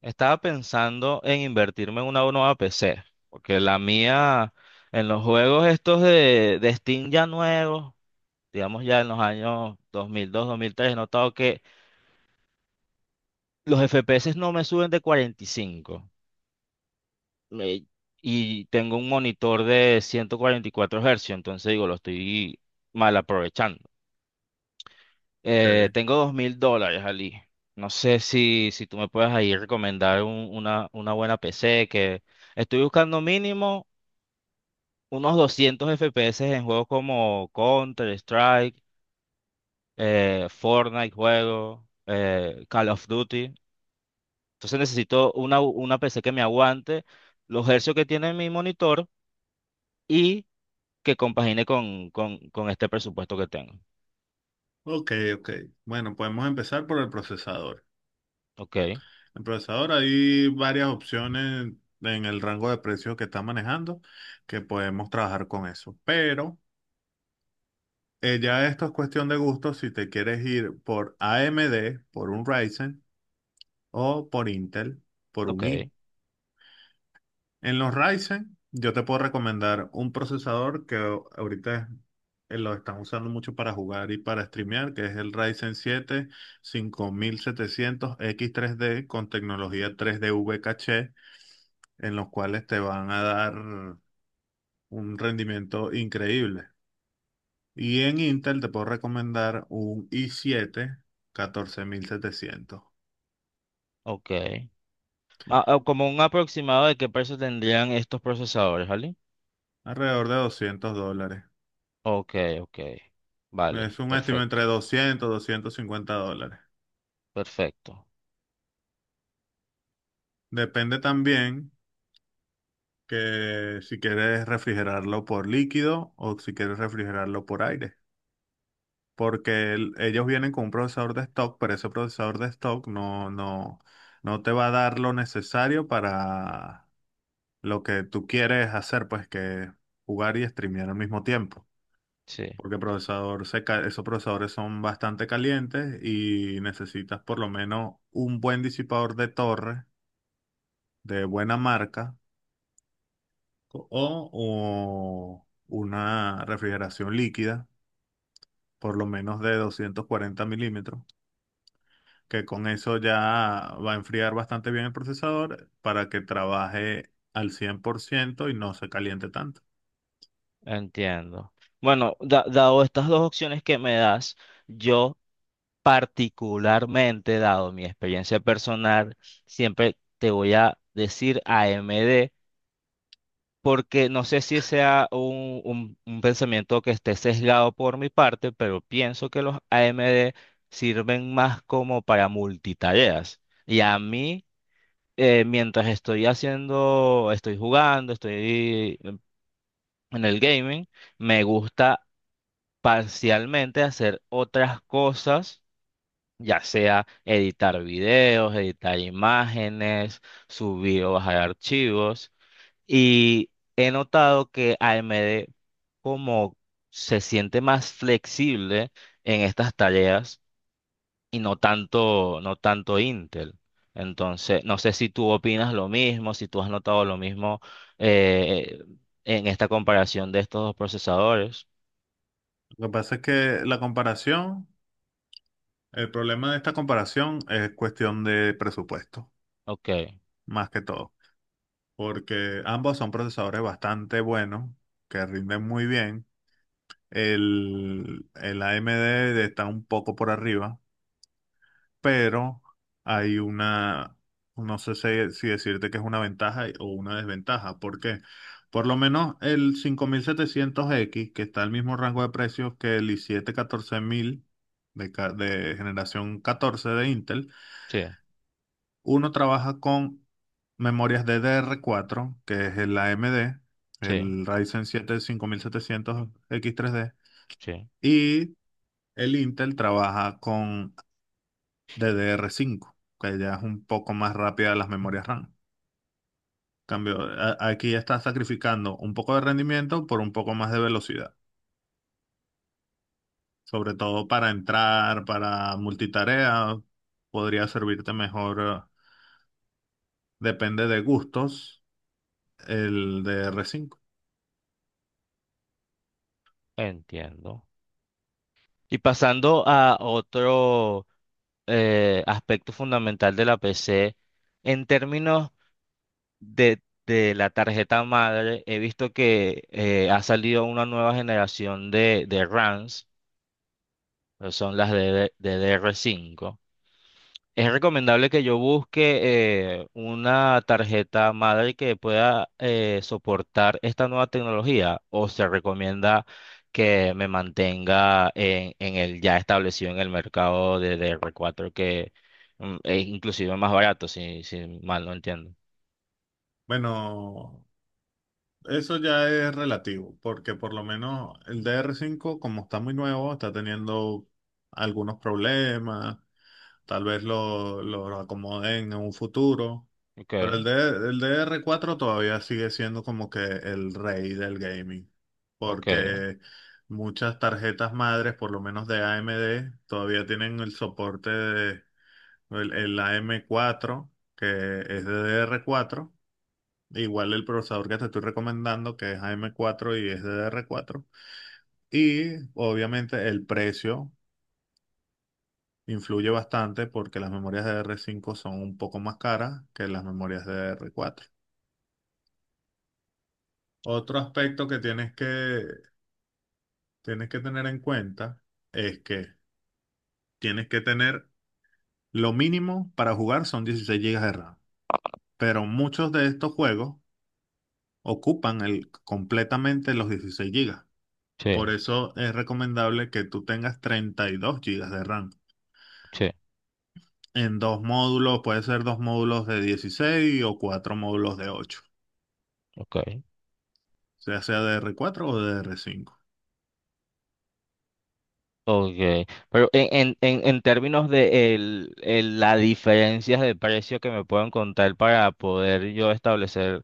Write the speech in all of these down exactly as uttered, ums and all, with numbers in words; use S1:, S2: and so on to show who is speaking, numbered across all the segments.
S1: Estaba pensando en invertirme en una nueva P C, porque la mía en los juegos estos de, de Steam ya nuevos, digamos ya en los años dos mil dos, dos mil mil tres, he notado que los F P S no me suben de cuarenta y cinco. me- y tengo un monitor de ciento cuarenta y cuatro Hz, entonces digo, lo estoy mal aprovechando. Eh,
S2: Okay,
S1: tengo dos mil dólares, Ali. No sé si, si tú me puedes ahí recomendar un- una, una buena P C que… Estoy buscando mínimo unos doscientos F P S en juegos como Counter-Strike, eh, Fortnite juego, eh, Call of Duty. Entonces necesito una, una P C que me aguante los hercios que tiene mi monitor y que compagine con, con, con este presupuesto que tengo.
S2: ok, ok. Bueno, podemos empezar por el procesador.
S1: Ok,
S2: El procesador hay varias opciones en el rango de precios que está manejando que podemos trabajar con eso. Pero eh, ya esto es cuestión de gusto si te quieres ir por A M D, por un Ryzen o por Intel, por un
S1: ok,
S2: i. En los Ryzen, yo te puedo recomendar un procesador que ahorita eh, lo están usando mucho para jugar y para streamear, que es el Ryzen siete cinco mil setecientos x tres d con tecnología tres d V caché, en los cuales te van a dar un rendimiento increíble. Y en Intel te puedo recomendar un i siete catorce mil setecientos,
S1: ok. Ma- ah, como un aproximado de qué precio tendrían estos procesadores, ¿vale?
S2: alrededor de doscientos dólares.
S1: Ok, ok. Vale,
S2: Es un estimado
S1: perfecto,
S2: entre doscientos y doscientos cincuenta dólares.
S1: perfecto.
S2: Depende también que si quieres refrigerarlo por líquido o si quieres refrigerarlo por aire, porque el- ellos vienen con un procesador de stock, pero ese procesador de stock no, no, no te va a dar lo necesario para lo que tú quieres hacer, pues que jugar y streamear al mismo tiempo.
S1: Sí.
S2: Porque el procesador se ca- esos procesadores son bastante calientes y necesitas por lo menos un buen disipador de torre de buena marca o, o una refrigeración líquida, por lo menos de doscientos cuarenta milímetros, que con eso ya va a enfriar bastante bien el procesador para que trabaje al cien por ciento y no se caliente tanto.
S1: Entiendo. Bueno, da- dado estas dos opciones que me das, yo particularmente, dado mi experiencia personal, siempre te voy a decir A M D, porque no sé si sea un, un- un pensamiento que esté sesgado por mi parte, pero pienso que los A M D sirven más como para multitareas. Y a mí, eh, mientras estoy haciendo, estoy jugando, estoy en el gaming, me gusta parcialmente hacer otras cosas, ya sea editar videos, editar imágenes, subir o bajar archivos. Y he notado que A M D como se siente más flexible en estas tareas y no tanto, no tanto Intel. Entonces, no sé si tú opinas lo mismo, si tú has notado lo mismo eh, en esta comparación de estos dos procesadores.
S2: Lo que pasa es que la comparación, el problema de esta comparación es cuestión de presupuesto,
S1: Ok,
S2: más que todo, porque ambos son procesadores bastante buenos, que rinden muy bien. El, el A M D está un poco por arriba, pero hay una, no sé si, si decirte que es una ventaja y- o una desventaja. ¿Por qué? Por lo menos el cinco mil setecientos x que está al mismo rango de precios que el i siete catorce mil de, ca- de generación catorce de Intel,
S1: sí,
S2: uno trabaja con memorias ddr cuatro que es el A M D,
S1: sí.
S2: el Ryzen siete cinco mil setecientos x 3 d
S1: Sí.
S2: y el Intel trabaja con D D R cinco, que ya es un poco más rápida las memorias RAM. Cambio, a- aquí estás sacrificando un poco de rendimiento por un poco más de velocidad, sobre todo para entrar, para multitarea, podría servirte mejor, eh, depende de gustos, el D D R cinco.
S1: Entiendo. Y pasando a otro eh, aspecto fundamental de la P C, en términos de, de la tarjeta madre, he visto que eh, ha salido una nueva generación de, de RAMs, que son las de D D R cinco. ¿Es recomendable que yo busque eh, una tarjeta madre que pueda eh, soportar esta nueva tecnología o se recomienda que me mantenga en, en el ya establecido en el mercado de D R cuatro que mm, es inclusive más barato, si, si mal no entiendo?
S2: Bueno, eso ya es relativo, porque por lo menos el D D R cinco, como está muy nuevo, está teniendo algunos problemas. Tal vez lo, lo acomoden en un futuro. Pero el,
S1: Okay,
S2: D- el dr cuatro todavía sigue siendo como que el rey del gaming.
S1: okay,
S2: Porque muchas tarjetas madres, por lo menos de A M D, todavía tienen el soporte de el, el am cuatro que es ddr cuatro. Igual el procesador que te estoy recomendando, que es am cuatro y es ddr cuatro. Y obviamente el precio influye bastante porque las memorias de r cinco son un poco más caras que las memorias de r cuatro. Otro aspecto que tienes que, tienes que tener en cuenta es que tienes que tener lo mínimo para jugar son dieciséis gigas de RAM, pero muchos de estos juegos ocupan el, completamente los dieciséis gigas. Por
S1: sí,
S2: eso es recomendable que tú tengas treinta y dos gigas de RAM.
S1: sí,
S2: En dos módulos, puede ser dos módulos de dieciséis o cuatro módulos de ocho.
S1: okay.
S2: Ya sea dr cuatro o dr cinco.
S1: Okay, pero en, en, en en términos de el, el- la diferencias de precio que me puedan contar para poder yo establecer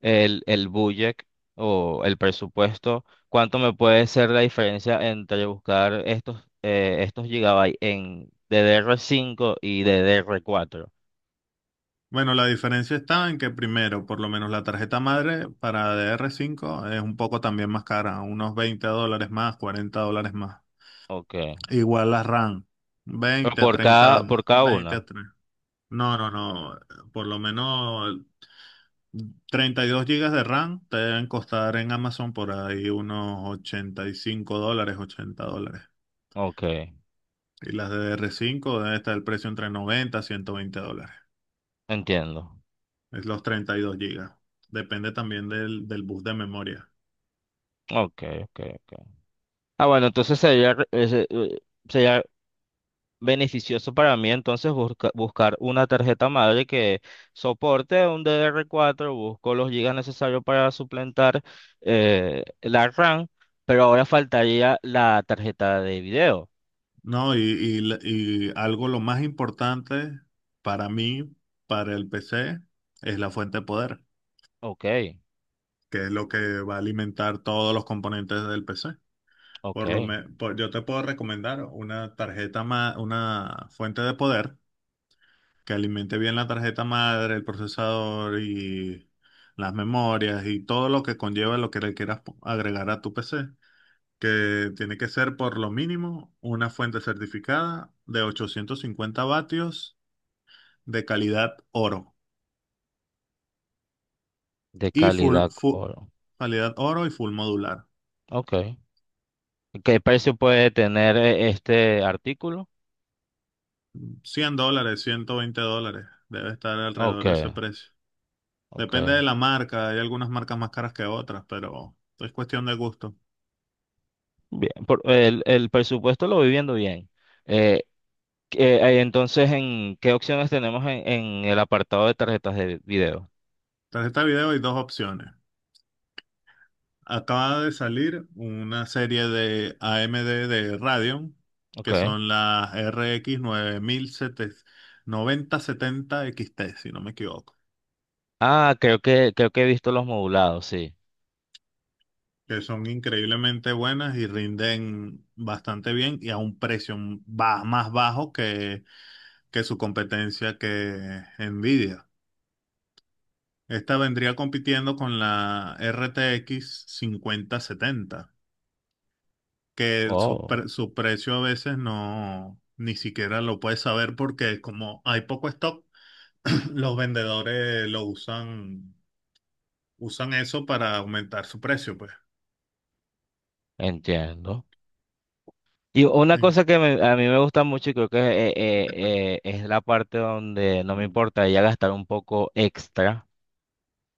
S1: el, el budget o el presupuesto, ¿cuánto me puede ser la diferencia entre buscar estos, eh, estos gigabytes en ddr cinco y ddr cuatro?
S2: Bueno, la diferencia está en que primero, por lo menos la tarjeta madre para dr cinco es un poco también más cara, unos veinte dólares más, cuarenta dólares más.
S1: Ok.
S2: Igual la RAM,
S1: Pero
S2: veinte a
S1: por
S2: treinta,
S1: cada, por cada
S2: veinte
S1: una.
S2: a treinta. No, no, no, por lo menos treinta y dos gigas de RAM te deben costar en Amazon por ahí unos ochenta y cinco dólares, ochenta dólares.
S1: Ok,
S2: Y las de D R cinco debe estar el precio entre noventa a ciento veinte dólares.
S1: entiendo.
S2: Es los treinta y dos gigas. Depende también del, del bus de memoria.
S1: Ok, ok, ok. Ah, bueno, entonces sería, re- ese, eh, sería beneficioso para mí entonces busca- buscar una tarjeta madre que soporte un D D R cuatro, busco los gigas necesarios para suplantar eh, la RAM, pero ahora faltaría la tarjeta de video.
S2: No, y, y la- y algo lo más importante para mí, para el P C, es la fuente de poder,
S1: Ok,
S2: que es lo que va a alimentar todos los componentes del P C.
S1: ok,
S2: Por lo me- por- yo te puedo recomendar una tarjeta ma- una fuente de poder que alimente bien la tarjeta madre, el procesador y las memorias y todo lo que conlleva lo que le quieras po- agregar a tu P C que tiene que ser por lo mínimo una fuente certificada de ochocientos cincuenta vatios de calidad oro
S1: de
S2: y full,
S1: calidad
S2: fu-
S1: oro.
S2: calidad oro y full modular.
S1: Ok. ¿Qué precio puede tener eh, este artículo?
S2: Cien dólares, ciento veinte dólares, debe estar
S1: Ok,
S2: alrededor de ese precio. Depende
S1: ok.
S2: de la marca, hay algunas marcas más caras que otras, pero es cuestión de gusto.
S1: Bien, por- el, el presupuesto lo voy viendo bien. Eh, Eh, eh, entonces, ¿en qué opciones tenemos en, en el apartado de tarjetas de video?
S2: Tarjeta de video hay dos opciones. Acaba de salir una serie de A M D de Radeon, que
S1: Ok.
S2: son las R X noventa setenta X T, si no me equivoco,
S1: Ah, creo que, creo que he visto los modulados, sí.
S2: que son increíblemente buenas y rinden bastante bien y a un precio ba- más bajo que, que su competencia que Nvidia. Esta vendría compitiendo con la R T X setenta que el- su,
S1: Oh,
S2: pre- su precio a veces no, ni siquiera lo puedes saber porque como hay poco stock, los vendedores lo usan, usan eso para aumentar su precio, pues.
S1: entiendo. Y una
S2: Sí.
S1: cosa que me- a mí me gusta mucho y creo que eh, eh, eh, es la parte donde no me
S2: Mm.
S1: importa ya gastar un poco extra,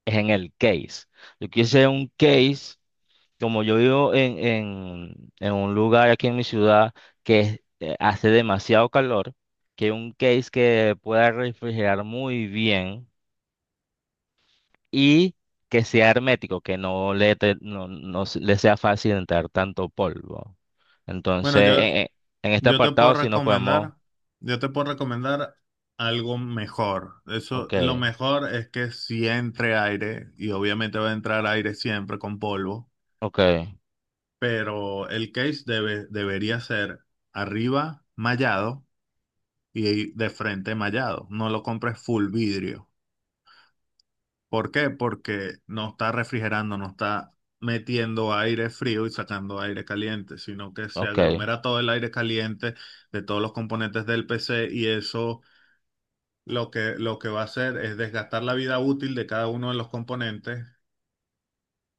S1: es en el case. Yo quise un case como yo vivo en, en, en un lugar aquí en mi ciudad que es- eh, hace demasiado calor, que un case que pueda refrigerar muy bien y que sea hermético, que no le, te- no, no se- le sea fácil entrar tanto polvo.
S2: Bueno,
S1: Entonces,
S2: yo,
S1: e- e- en este
S2: yo te puedo
S1: apartado si nos podemos…
S2: recomendar, yo te puedo recomendar algo mejor. Eso,
S1: Ok,
S2: lo mejor es que si entre aire, y obviamente va a entrar aire siempre con polvo,
S1: ok,
S2: pero el case debe, debería ser arriba mallado y de frente mallado. No lo compres full vidrio. ¿Por qué? Porque no está refrigerando, no está metiendo aire frío y sacando aire caliente, sino que se
S1: ok,
S2: aglomera todo el aire caliente de todos los componentes del P C y eso lo que, lo que va a hacer es desgastar la vida útil de cada uno de los componentes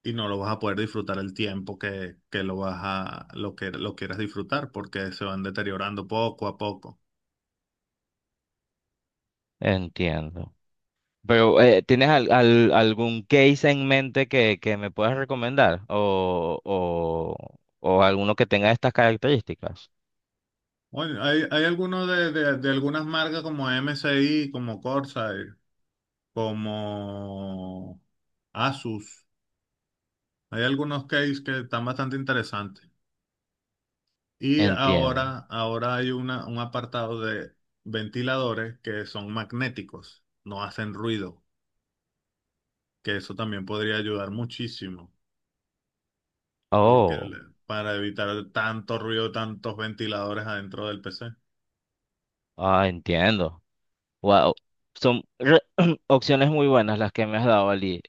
S2: y no lo vas a poder disfrutar el tiempo que, que lo vas a, lo que lo quieras disfrutar porque se van deteriorando poco a poco.
S1: entiendo. Pero, eh, ¿tienes al- al- algún case en mente que, que me puedas recomendar? O, o, o alguno que tenga estas características.
S2: Bueno, hay, hay algunos de, de, de algunas marcas como M S I, como Corsair, como Asus. Hay algunos case que están bastante interesantes. Y
S1: Entiendo.
S2: ahora, ahora hay una, un apartado de ventiladores que son magnéticos, no hacen ruido, que eso también podría ayudar muchísimo, porque
S1: Oh,
S2: el- para evitar tanto ruido, tantos ventiladores adentro del P C.
S1: ah, Entiendo. Wow. Son re- Opciones muy buenas las que me has dado, Ali.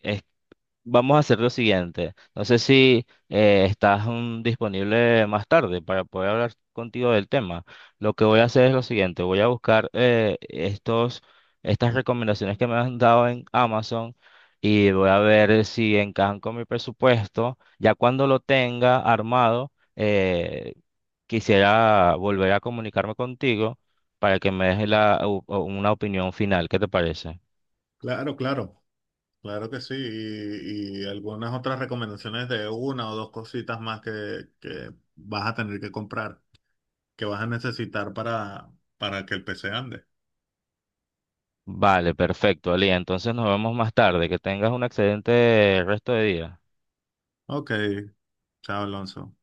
S1: Vamos a hacer lo siguiente. No sé si eh, estás mm, disponible más tarde para poder hablar contigo del tema. Lo que voy a hacer es lo siguiente. Voy a buscar eh, estos, estas recomendaciones que me han dado en Amazon y voy a ver si encajan con mi presupuesto. Ya cuando lo tenga armado, eh, quisiera volver a comunicarme contigo para que me des la- u- una opinión final. ¿Qué te parece?
S2: Claro, claro. Claro que sí, y, y algunas otras recomendaciones de una o dos cositas más que, que vas a tener que comprar, que vas a necesitar para, para que el P C ande.
S1: Vale, perfecto, Ali. Entonces nos vemos más tarde. Que tengas un excelente resto de día.
S2: Ok, chao Alonso.